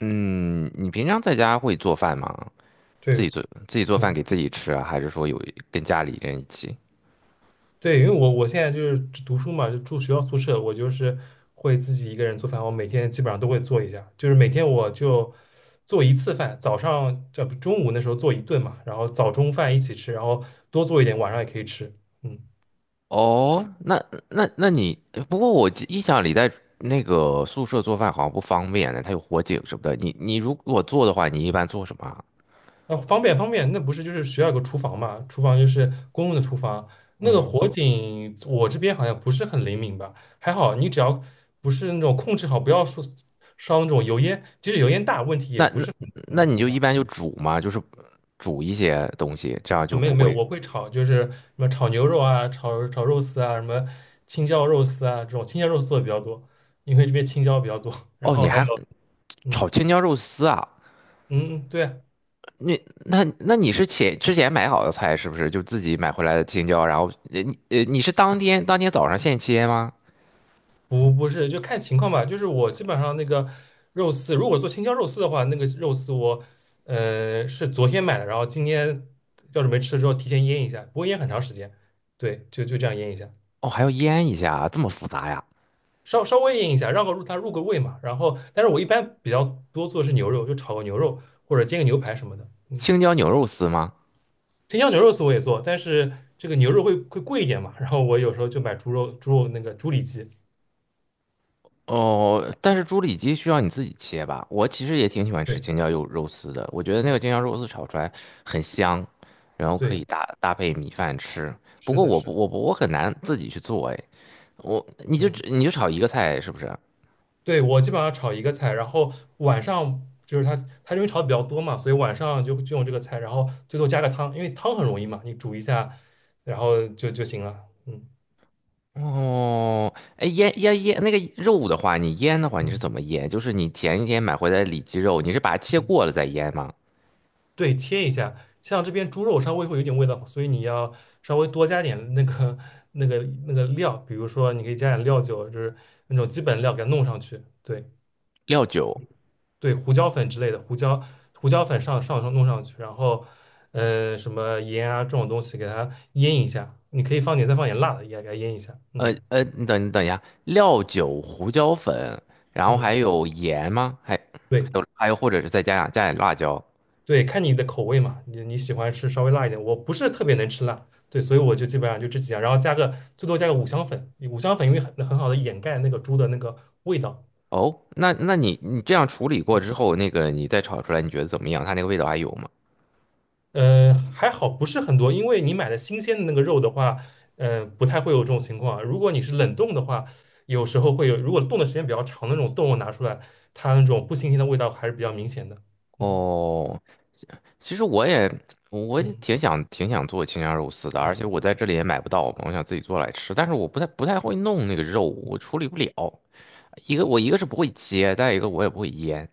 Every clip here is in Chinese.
嗯，你平常在家会做饭吗？自己对，做饭嗯，给自己吃啊，还是说有跟家里人一起？对，因为我现在就是读书嘛，就住学校宿舍，我就是会自己一个人做饭，我每天基本上都会做一下，就是每天我就做一次饭，早上这不中午那时候做一顿嘛，然后早中饭一起吃，然后多做一点，晚上也可以吃，嗯，哦，那你不过我记印象里在宿舍做饭好像不方便呢，它有火警什么的。你如果做的话，你一般做什么啊？那方便方便，那不是就是学校有个厨房嘛，厨房就是公用的厨房，那个火警我这边好像不是很灵敏吧，还好你只要不是那种控制好，不要说烧那种油烟，即使油烟大，问题也那不是很很你很就一大。般就煮嘛，就是煮一些东西，这样啊，就没不有没有，会。我会炒，就是什么炒牛肉啊，炒肉丝啊，什么青椒肉丝啊，这种青椒肉丝做的比较多，因为这边青椒比较多。然哦，后你还有，还嗯炒青椒肉丝啊？嗯，对啊那你是之前买好的菜是不是？就自己买回来的青椒，然后你是当天早上现切吗？不是，就看情况吧。就是我基本上那个肉丝，如果做青椒肉丝的话，那个肉丝我是昨天买的，然后今天要是没吃的时候提前腌一下，不会腌很长时间。对，就这样腌一下。哦，还要嗯。腌一下啊，这么复杂呀？稍微腌一下，让个入它入个味嘛。然后，但是我一般比较多做的是牛肉，就炒个牛肉或者煎个牛排什么的。嗯，青椒牛肉丝吗？青椒牛肉丝我也做，但是这个牛肉会贵一点嘛。然后我有时候就买猪肉那个猪里脊。哦，但是猪里脊需要你自己切吧？我其实也挺喜欢吃对，青椒肉丝的，我觉得那嗯，个青椒肉丝炒出来很香，然后可对，以搭配米饭吃。不是过的，是的，我不我很难自己去做哎，你嗯，你就炒一个菜是不是？对，我基本上炒一个菜，然后晚上就是它因为炒的比较多嘛，所以晚上就用这个菜，然后最后加个汤，因为汤很容易嘛，你煮一下，然后就行了。嗯哦，哎，腌那个肉的话，你腌的话，你是嗯怎么腌？就是你前一天买回来的里脊肉，你是把它切嗯。过了再腌吗？对，切一下。像这边猪肉稍微会有点味道，所以你要稍微多加点那个 那个那个料，比如说你可以加点料酒，就是那种基本料给它弄上去。对料酒，对，胡椒粉之类的，胡椒粉上弄上去，然后什么盐啊这种东西给它腌一下。你可以放点再放点辣的，也给它腌一下。嗯你你等一下，料酒、胡椒粉，然后还嗯，有盐吗？还对。还有，或者是再加点辣椒。对，看你的口味嘛，你喜欢吃稍微辣一点，我不是特别能吃辣，对，所以我就基本上就这几样，然后加个最多加个五香粉，五香粉因为很好的掩盖那个猪的那个味道，哦，那你这样处理过嗯，之后，那个你再炒出来，你觉得怎么样？它那个味道还有吗？还好不是很多，因为你买的新鲜的那个肉的话，不太会有这种情况啊，如果你是冷冻的话，有时候会有，如果冻的时间比较长，那种冻肉拿出来，它那种不新鲜的味道还是比较明显的，嗯哦，其实我也嗯挺想做青椒肉丝的，而且嗯。我在这里也买不到嘛，我想自己做来吃。但是我不太会弄那个肉，我处理不了。一个是不会切，再一个我也不会腌。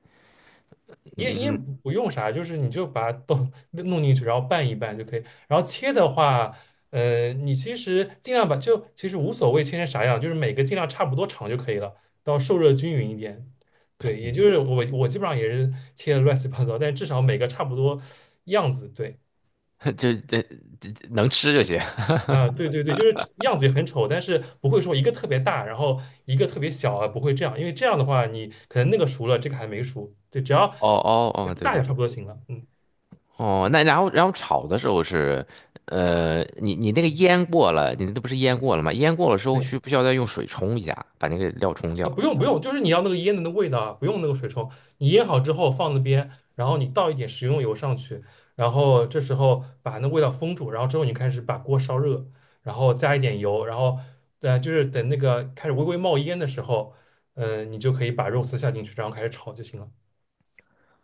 腌不用啥，就是你就把它都 弄进去，然后拌一拌就可以。然后切的话，你其实尽量就其实无所谓切成啥样，就是每个尽量差不多长就可以了，到受热均匀一点。对，也就是我基本上也是切的乱七八糟，但至少每个差不多样子。对，就这能吃就行。啊，对对对，就是样子也很丑，但是不会说一个特别大，然后一个特别小啊，不会这样，因为这样的话你可能那个熟了，这个还没熟，对，只要 哦，对大对小差对。不多行了。嗯，哦，那然后炒的时候是，呃，你那个腌过了，你那不是腌过了吗？腌过了之后对。需不需要再用水冲一下，把那个料冲啊掉？不用不用，就是你要那个腌的那味道啊，不用那个水冲。你腌好之后放那边，然后你倒一点食用油上去，然后这时候把那味道封住，然后之后你开始把锅烧热，然后加一点油，然后就是等那个开始微微冒烟的时候，嗯，你就可以把肉丝下进去，然后开始炒就行了。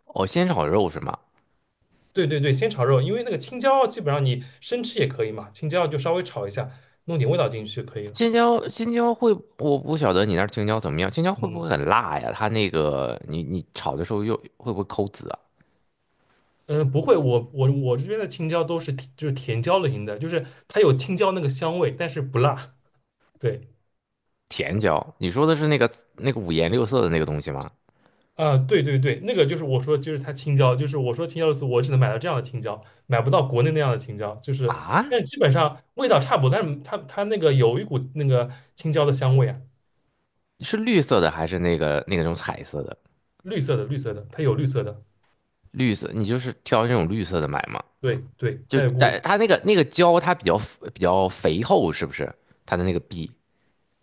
哦，先炒肉是吗？对对对，先炒肉，因为那个青椒基本上你生吃也可以嘛，青椒就稍微炒一下，弄点味道进去就可以了。青椒，青椒会，我不晓得你那儿青椒怎么样，青椒会不嗯。会很辣呀？它那个，你炒的时候又会不会抠籽啊？嗯，不会，我这边的青椒都是甜就是甜椒类型的，就是它有青椒那个香味，但是不辣。对，甜椒，你说的是那个五颜六色的那个东西吗？啊、对对对，那个就是我说就是它青椒，就是我说青椒的时候，我只能买到这样的青椒，买不到国内那样的青椒，就是，啊，但是基本上味道差不多，但是它那个有一股那个青椒的香味啊，是绿色的还是那个种彩色的？绿色的绿色的，它有绿色的，绿色，你就是挑那种绿色的买吗？对对，就它有但股它那个椒，它比较肥厚，是不是？它的那个壁，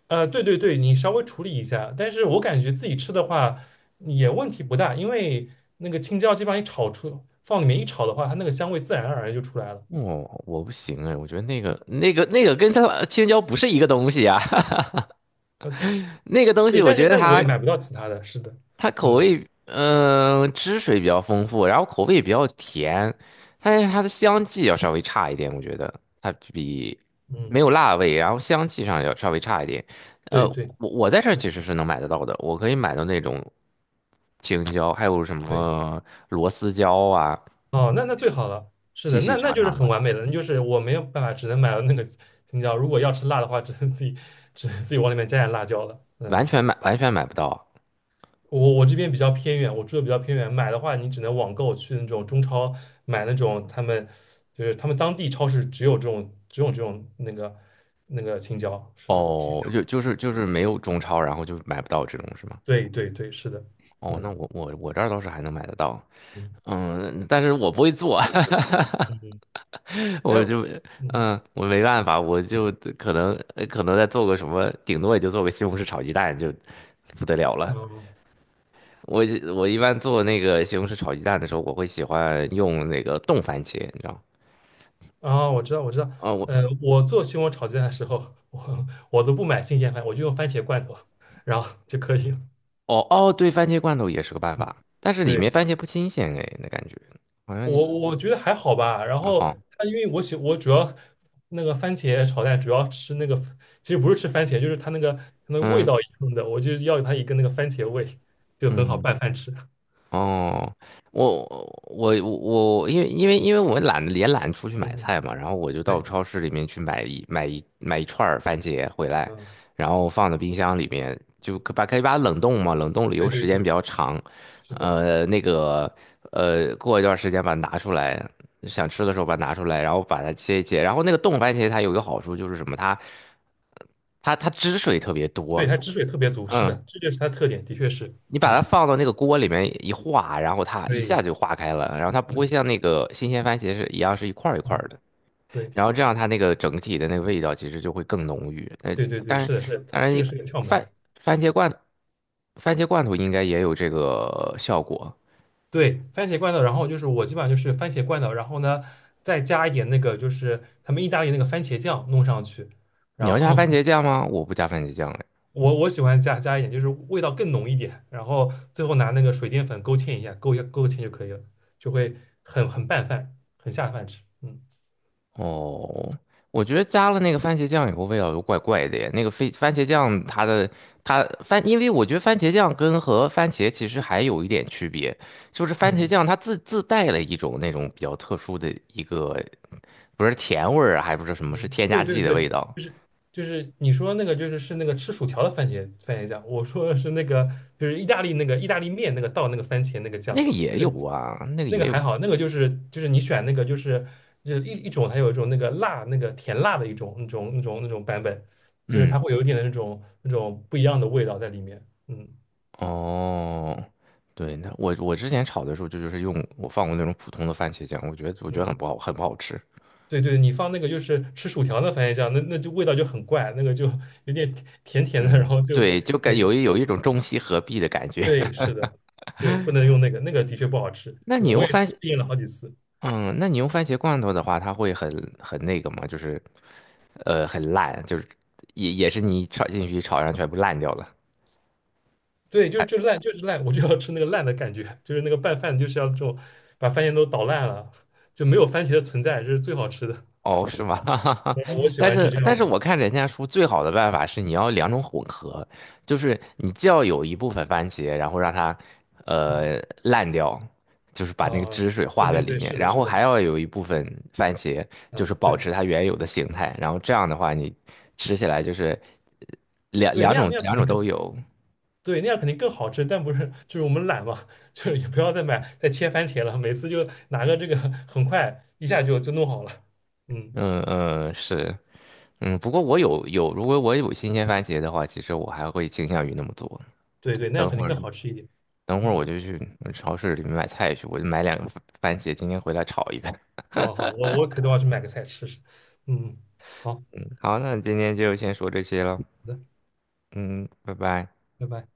对对对，你稍微处理一下，但是我感觉自己吃的话也问题不大，因为那个青椒基本上一炒出，放里面一炒的话，它那个香味自然而然就出来了。哦，我不行哎，我觉得那个跟它青椒不是一个东西啊。呃，那个东对，西，我但是觉得那我也它买不到其他的，是的，它口嗯味，汁水比较丰富，然后口味比较甜，但是它的香气要稍微差一点，我觉得它比没嗯，有辣味，然后香气上要稍微差一点。呃，对对我在这儿是其的实是能买得到的，我可以买到那种青椒，还有什对，么螺丝椒啊，哦，那最好了，是细的，细那长就是长很的，完美了，那就是我没有办法，只能买到那个青椒，如果要吃辣的话，只能自己往里面加点辣椒了，完嗯。全买买不到。我这边比较偏远，我住的比较偏远，买的话你只能网购去那种中超买那种他们当地超市只有这种那个青椒，是的，甜哦，椒，就是没有中超，然后就买不到这种是吗？对对对，是的，哦，那嗯我这儿倒是还能买得到，嗯嗯，但是我不会做。嗯，嗯但我是就嗯嗯，我没办法，我就可能再做个什么，顶多也就做个西红柿炒鸡蛋就不得了了。嗯我我一般做那个西红柿炒鸡蛋的时候，我会喜欢用那个冻番茄，你知道吗？啊，我知道我知道，哦，我我做西红柿炒鸡蛋的时候，我都不买新鲜番，我就用番茄罐头，然后就可以了，哦，对，番茄罐头也是个办嗯，法，但是里对。面番茄不新鲜哎，那感觉好像我觉得还好吧。然还后好，它因为我主要那个番茄炒蛋主要吃那个，其实不是吃番茄，就是它那个味嗯道一样的，我就要它一个那个番茄味，就很好嗯。拌饭吃。哦，我我我我因为我懒得也懒得出去嗯，买嗯，菜嘛，然后我就到对，超市里面去买一买一买一串儿番茄回来，嗯，然后放到冰箱里面，就可以把它冷冻嘛，冷冻理由对对时间比对，较长，是的，呃，那个呃，过一段时间把它拿出来，想吃的时候把它拿出来，然后把它切一切，然后那个冻番茄它有一个好处就是什么，它它汁水特别对，多，它汁水特别足，是嗯。的，这就是它特点，的确是，你把它嗯，放到那个锅里面一化，然后它一对，下就化开了，然后它不是会的，像那个新鲜番茄是一样是一块儿一块儿嗯，的，对，然后这样它那个整体的那个味道其实就会更浓郁。呃，对对对，当然，是的，是的，当然这个你是个窍门。番番茄罐番茄罐头应该也有这个效果。对，番茄罐头，然后就是我基本上就是番茄罐头，然后呢再加一点那个就是他们意大利那个番茄酱弄上去，你然要加后 番茄 酱吗？我不加番茄酱。我喜欢加一点，就是味道更浓一点，然后最后拿那个水淀粉勾芡一下，勾一下勾芡就可以了，就会很拌饭，很下饭吃。嗯哦，我觉得加了那个番茄酱以后，味道就怪怪的耶。那个非番茄酱它的它番，因为我觉得番茄酱跟和番茄其实还有一点区别，就是番茄嗯酱它自带了一种那种比较特殊的一个，不是甜味儿啊，还不是什么，是嗯，添加对对剂的对，味道。就是就是你说那个就是是那个吃薯条的番茄酱，我说的是那个就是意大利那个意大利面那个倒那个番茄那个那酱。个也有啊，那个那个也有，还好，那个就是你选那个就是一种，它有一种那个辣那个甜辣的一种那种版本，就是它嗯，会有一点的那种不一样的味道在里面。嗯哦，对，那之前炒的时候就是用放过那种普通的番茄酱，我觉得很嗯，不好，很不好吃。对对，你放那个就是吃薯条的番茄酱，那就味道就很怪，那个就 有点甜甜的，然嗯，后就对，就有对有一种中西合璧的感觉。对 是的，对不能用那个，那个的确不好吃。那是你的，我用也是番，适应了好几次。嗯，那你用番茄罐头的话，它会很那个吗？就是，呃，很烂，就是也是你炒进去炒上全部烂掉了。对，就是就烂，就是烂，我就要吃那个烂的感觉，就是那个拌饭就是要这种，把番茄都捣烂了，就没有番茄的存在，这是最好吃的。哦，是吗？嗯我喜但欢是，吃这但样是的。我看人家说最好的办法是你要两种混合，就是你既要有一部分番茄，然后让它嗯呃烂掉，就是把那个啊，汁水对化在对里对，面，是的，然是后的，还要有一部分番茄，就是嗯，保对持它原有的形态，然后这样的话你吃起来就是呃两对，那样那样两肯定种更都有。对，那样肯定更好吃，但不是就是我们懒嘛，就是也不要再买再切番茄了，每次就拿个这个，很快一下就弄好了。嗯，嗯嗯是，嗯不过我有有，如果我有新鲜番茄的话，其实我还会倾向于那么做。对对，那样等肯定会更儿。好吃一点。等会儿我嗯，就去超市里面买菜去，我就买两个番番茄，今天回来炒一个。好好好，我可都要去买个菜吃吃。嗯，好好嗯，好，那今天就先说这些了。的，嗯，拜拜。拜拜。